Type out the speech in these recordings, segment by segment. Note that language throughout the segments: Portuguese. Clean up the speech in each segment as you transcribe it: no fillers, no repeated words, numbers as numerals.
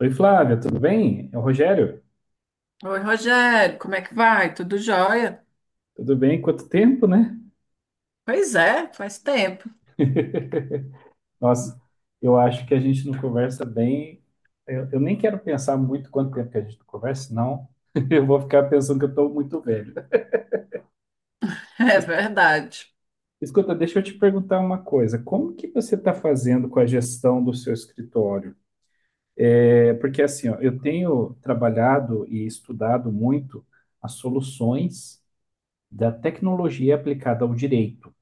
Oi, Flávia, tudo bem? É o Rogério. Oi, Rogério, como é que vai? Tudo jóia? Tudo bem? Quanto tempo, né? Pois é, faz tempo. Nossa, eu acho que a gente não conversa bem. Eu nem quero pensar muito quanto tempo que a gente não conversa, senão eu vou ficar pensando que eu estou muito velho. É verdade. Escuta, deixa eu te perguntar uma coisa. Como que você está fazendo com a gestão do seu escritório? É porque assim, ó, eu tenho trabalhado e estudado muito as soluções da tecnologia aplicada ao direito.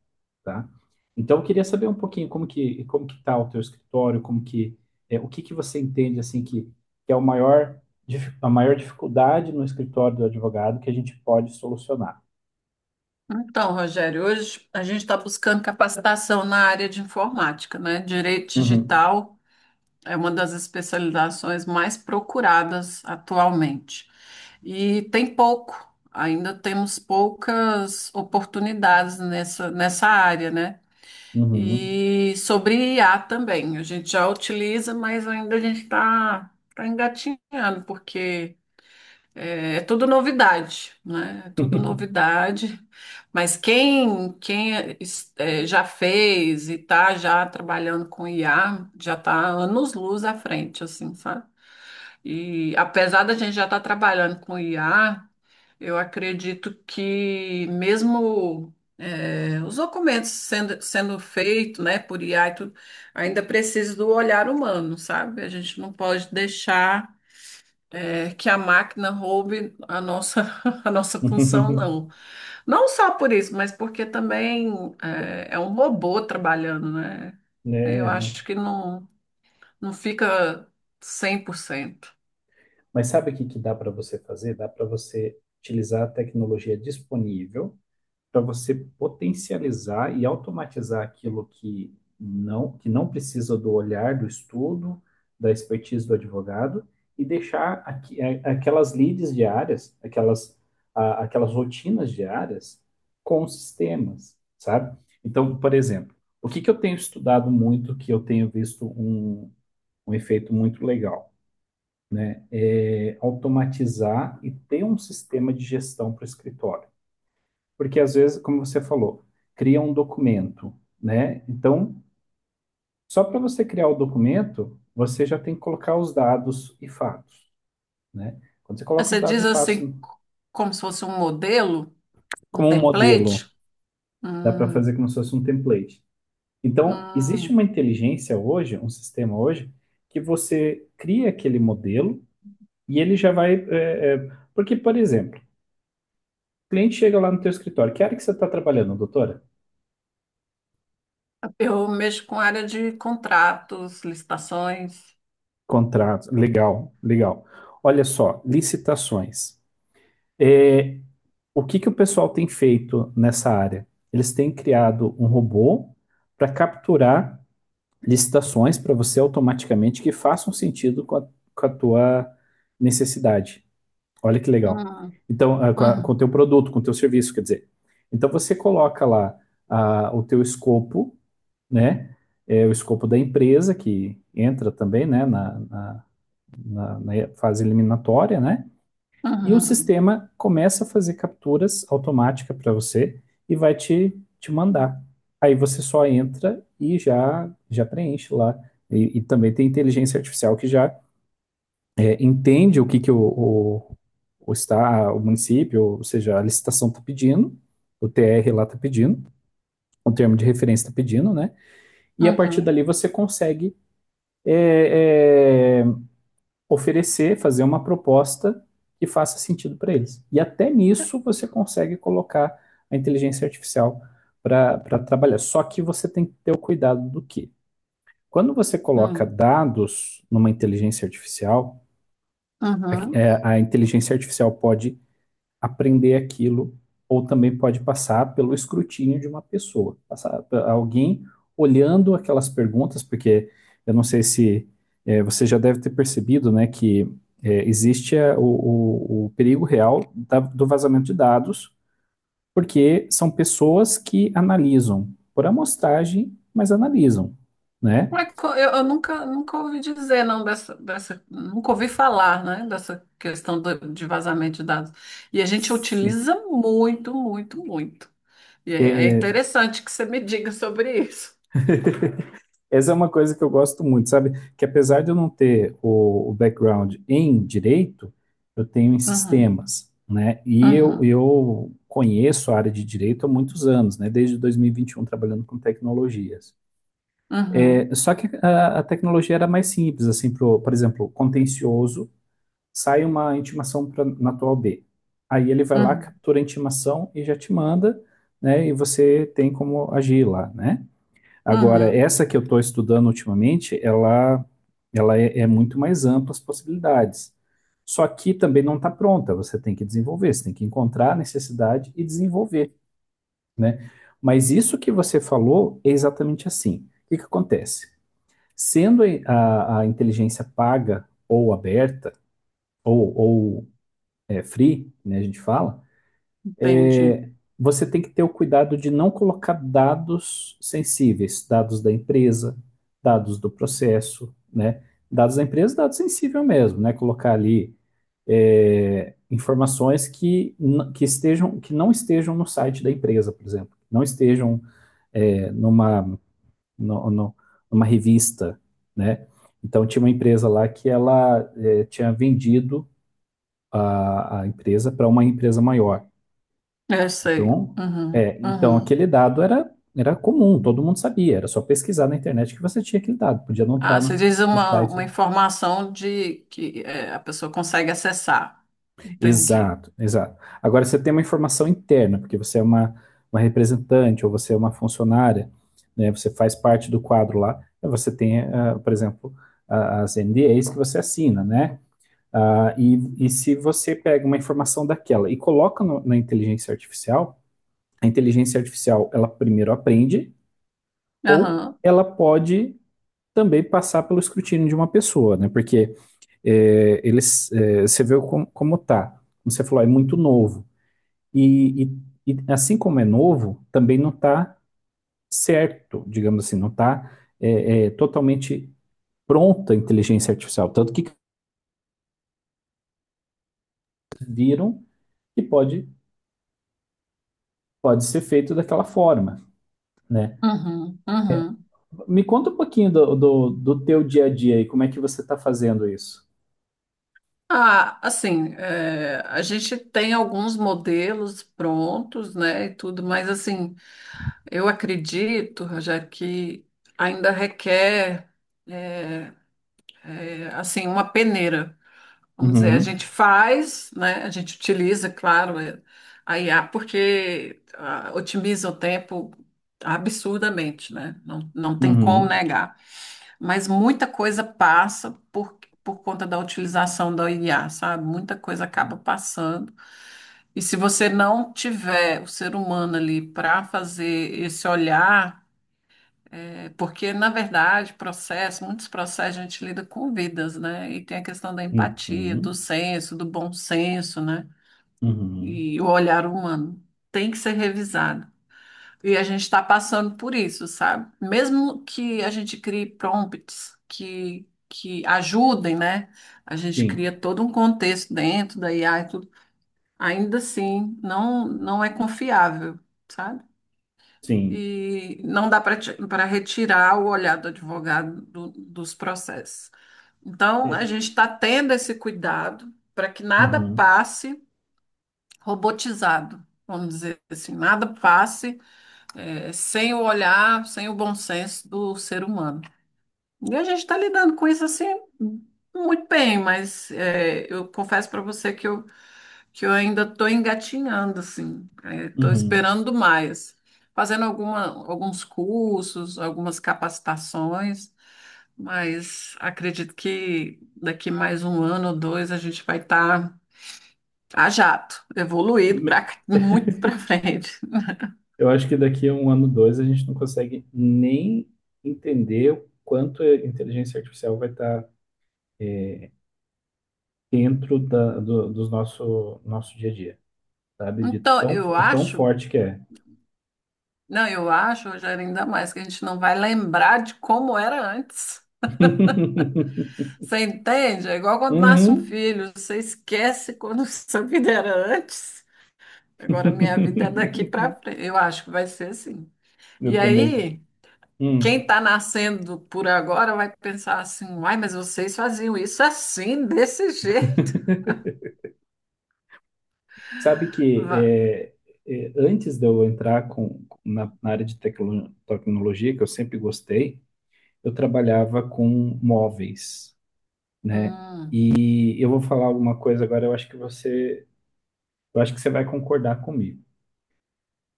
Tá? Então, eu queria saber um pouquinho como que está o teu escritório, como que o que que você entende assim que é o maior a maior dificuldade no escritório do advogado que a gente pode solucionar. Então, Rogério, hoje a gente está buscando capacitação na área de informática, né? Direito Uhum, digital é uma das especializações mais procuradas atualmente. E tem pouco, ainda temos poucas oportunidades nessa área, né? uhum. E sobre IA também, a gente já utiliza, mas ainda a gente está engatinhando, porque é tudo novidade, né? É tudo novidade. Mas quem já fez e está já trabalhando com IA, já está anos-luz à frente, assim, sabe? E apesar da gente já estar trabalhando com IA, eu acredito que mesmo os documentos sendo feitos, né, por IA e tudo, ainda precisa do olhar humano, sabe? A gente não pode deixar que a máquina roube a nossa, a nossa função, não. Não só por isso, mas porque também é um robô trabalhando, né? Eu É, não. acho que não, não fica 100%. Mas sabe o que que dá para você fazer? Dá para você utilizar a tecnologia disponível para você potencializar e automatizar aquilo que não precisa do olhar, do estudo, da expertise do advogado e deixar aquelas leads diárias, aquelas rotinas diárias com sistemas, sabe? Então, por exemplo, o que que eu tenho estudado muito, que eu tenho visto um efeito muito legal? É automatizar e ter um sistema de gestão para o escritório. Porque às vezes, como você falou, cria um documento, né? Então, só para você criar o documento, você já tem que colocar os dados e fatos, né? Quando você Ah, coloca os você dados diz e fatos assim, como se fosse um modelo, um como um template? modelo, dá para Hum, fazer como se fosse um template. Então, existe hum. uma inteligência hoje, um sistema hoje, que você cria aquele modelo e ele já vai. Porque, por exemplo, o cliente chega lá no teu escritório, que área que você está trabalhando, doutora? Eu mexo com área de contratos, licitações. Contratos, legal, legal. Olha só, licitações. É, o que que o pessoal tem feito nessa área? Eles têm criado um robô para capturar licitações para você automaticamente que façam sentido com a tua necessidade. Olha que legal. Hum, Então, ah, com o hum, teu produto, com o teu serviço, quer dizer. Então, você coloca lá ah, o teu escopo, né? É, o escopo da empresa, que entra também, né, na fase eliminatória, né? E o uhum, sistema começa a fazer capturas automáticas para você e vai te, te mandar. Aí você só entra e já, já preenche lá. E também tem inteligência artificial que já é, entende o que, está, o município, ou seja, a licitação está pedindo, o TR lá está pedindo, o termo de referência está pedindo, né? E a partir uhum, dali você consegue é, é, oferecer, fazer uma proposta que faça sentido para eles. E até nisso você consegue colocar a inteligência artificial para trabalhar. Só que você tem que ter o cuidado do que? Quando você coloca hum, dados numa inteligência artificial, uhum. A inteligência artificial pode aprender aquilo, ou também pode passar pelo escrutínio de uma pessoa, passar alguém olhando aquelas perguntas, porque eu não sei se você já deve ter percebido, né, que existe o perigo real do vazamento de dados, porque são pessoas que analisam por amostragem, mas analisam, né? Como é que eu nunca ouvi dizer, não, nunca ouvi falar, né, dessa questão de vazamento de dados. E a gente Sim. utiliza muito, muito, muito. E é É, interessante que você me diga sobre isso. essa é uma coisa que eu gosto muito, sabe? Que apesar de eu não ter o background em direito, eu tenho em Uhum, sistemas, né? E eu, uhum, eu conheço a área de direito há muitos anos, né? Desde 2021 trabalhando com tecnologias. uhum. É, só que a tecnologia era mais simples, assim, por exemplo, contencioso, sai uma intimação na tua O B. Aí ele vai lá, Uhum, captura a intimação e já te manda, né? E você tem como agir lá, né? Agora, uhum, essa que eu estou estudando ultimamente, ela é, é muito mais ampla as possibilidades. Só que também não está pronta, você tem que desenvolver, você tem que encontrar a necessidade e desenvolver, né? Mas isso que você falou é exatamente assim. O que que acontece? Sendo a inteligência paga ou aberta, ou é, free, né, a gente fala, entendi. você tem que ter o cuidado de não colocar dados sensíveis, dados da empresa, dados do processo, né? Dados da empresa, dados sensível mesmo, né? Colocar ali é, informações que estejam, que não estejam no site da empresa, por exemplo, não estejam é, numa, no- no- numa revista, né? Então tinha uma empresa lá que ela é, tinha vendido a empresa para uma empresa maior. Eu sei. Então, Uhum, é, então uhum. aquele dado era, era comum, todo mundo sabia, era só pesquisar na internet que você tinha aquele dado, podia não estar Ah, você diz no uma site. informação de que é, a pessoa consegue acessar. Entendi. Exato, exato. Agora você tem uma informação interna, porque você é uma representante ou você é uma funcionária, né, você faz parte do quadro lá, aí você tem, ah, por exemplo, as NDAs que você assina, né? Ah, e se você pega uma informação daquela e coloca na inteligência artificial, a inteligência artificial, ela primeiro aprende, ou Aham, ela pode também passar pelo escrutínio de uma pessoa, né? Porque é, eles, é, você vê como, como tá. Como você falou, é muito novo. E, e, e assim como é novo, também não está certo, digamos assim, não está totalmente pronta a inteligência artificial. Tanto que viram que pode, pode ser feito daquela forma, né? uhum, uhum. Me conta um pouquinho do teu dia a dia e como é que você está fazendo isso. Ah, assim, é, a gente tem alguns modelos prontos, né, e tudo, mas assim, eu acredito, já que ainda requer, é, assim, uma peneira. Vamos dizer, a Uhum, gente faz, né? A gente utiliza, claro, é, a IA porque otimiza o tempo absurdamente, né? Não, não tem como uhum, negar. Mas muita coisa passa por conta da utilização da IA, sabe? Muita coisa acaba passando. E se você não tiver o ser humano ali para fazer esse olhar é, porque, na verdade, muitos processos a gente lida com vidas, né? E tem a questão da empatia, do uhum. senso, do bom senso, né? Uhum. E o olhar humano tem que ser revisado. E a gente está passando por isso, sabe? Mesmo que a gente crie prompts que ajudem, né? A gente Sim, cria todo um contexto dentro da IA e tudo, ainda assim não, não é confiável, sabe? sim. E não dá para retirar o olhar do advogado dos processos. Então, a É, gente está tendo esse cuidado para que nada uhum, passe robotizado, vamos dizer assim, nada passe sem o olhar, sem o bom senso do ser humano. E a gente está lidando com isso assim muito bem, mas eu confesso para você que eu ainda estou engatinhando, assim. Estou uhum. esperando mais. Fazendo alguns cursos, algumas capacitações, mas acredito que daqui mais um ano ou dois a gente vai estar a jato, evoluído Me- para muito para frente. eu acho que daqui a um ano, dois, a gente não consegue nem entender o quanto a inteligência artificial vai estar dentro do nosso dia a dia, sabe? De Então, tão, eu tão acho, forte que é. não, eu acho, Rogério, ainda mais que a gente não vai lembrar de como era antes. Você entende? É igual quando nasce um Uhum. filho, você esquece quando sua vida era antes. Agora minha vida é daqui para frente. Eu acho que vai ser assim. Eu E também. aí, quem Hum. está nascendo por agora vai pensar assim: uai, mas vocês faziam isso assim, desse jeito. Sabe que Va- é, é, antes de eu entrar com, na, na área de tecnologia, que eu sempre gostei, eu trabalhava com móveis, né? Hum, E eu vou falar alguma coisa agora, eu acho que você, eu acho que você vai concordar comigo.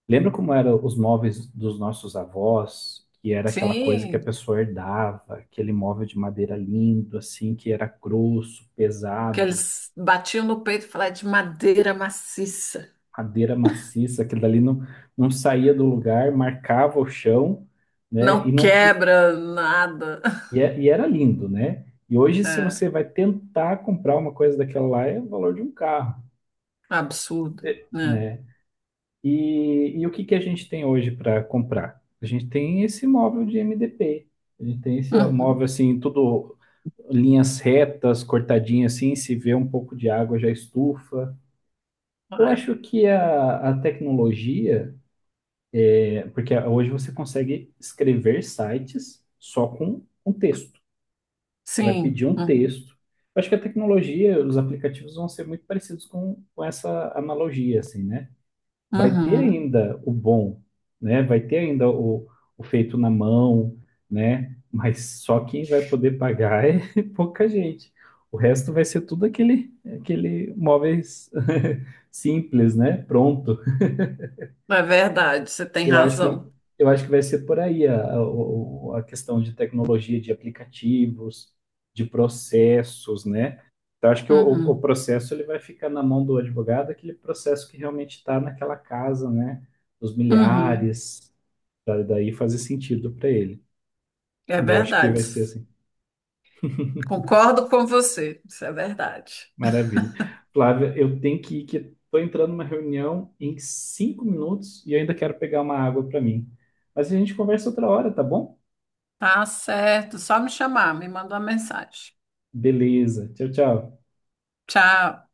Lembra como eram os móveis dos nossos avós? Que era aquela coisa que a sim, pessoa herdava, aquele móvel de madeira lindo, assim, que era grosso, que pesado, eles batiam no peito e falavam "É de madeira maciça, madeira maciça, aquilo dali não, não saía do lugar, marcava o chão, né? E não não pre- quebra nada." e, é- E era lindo, né? E hoje, se É você vai tentar comprar uma coisa daquela lá, é o valor de um carro. absurdo, né? Né? E o que que a gente tem hoje para comprar? A gente tem esse móvel de MDP, a gente tem esse móvel Uhum, assim, tudo linhas retas, cortadinhas assim, se vê um pouco de água já estufa. Eu é. acho que a tecnologia, é, porque hoje você consegue escrever sites só com um texto. Você vai pedir Sim, um uhum, texto. Eu acho que a tecnologia, os aplicativos vão ser muito parecidos com essa analogia, assim, né? Vai ter uhum. ainda o bom, né? Vai ter ainda o feito na mão, né? Mas só quem vai poder pagar é pouca gente. O resto vai ser tudo aquele, aquele móveis simples, né? Pronto. É verdade, você tem Eu acho que, razão. eu acho que vai ser por aí a questão de tecnologia, de aplicativos, de processos, né? Então, acho que o Uhum, processo ele vai ficar na mão do advogado, aquele processo que realmente está naquela casa, né? Dos uhum. milhares, pra daí fazer sentido para ele. É Eu acho que verdade. vai ser assim. Concordo com você, isso é verdade. Maravilha. Flávia, eu tenho que ir, que estou entrando numa reunião em 5 minutos e eu ainda quero pegar uma água para mim. Mas a gente conversa outra hora, tá bom? Tá certo, só me chamar, me manda uma mensagem. Beleza. Tchau, tchau. Tchau.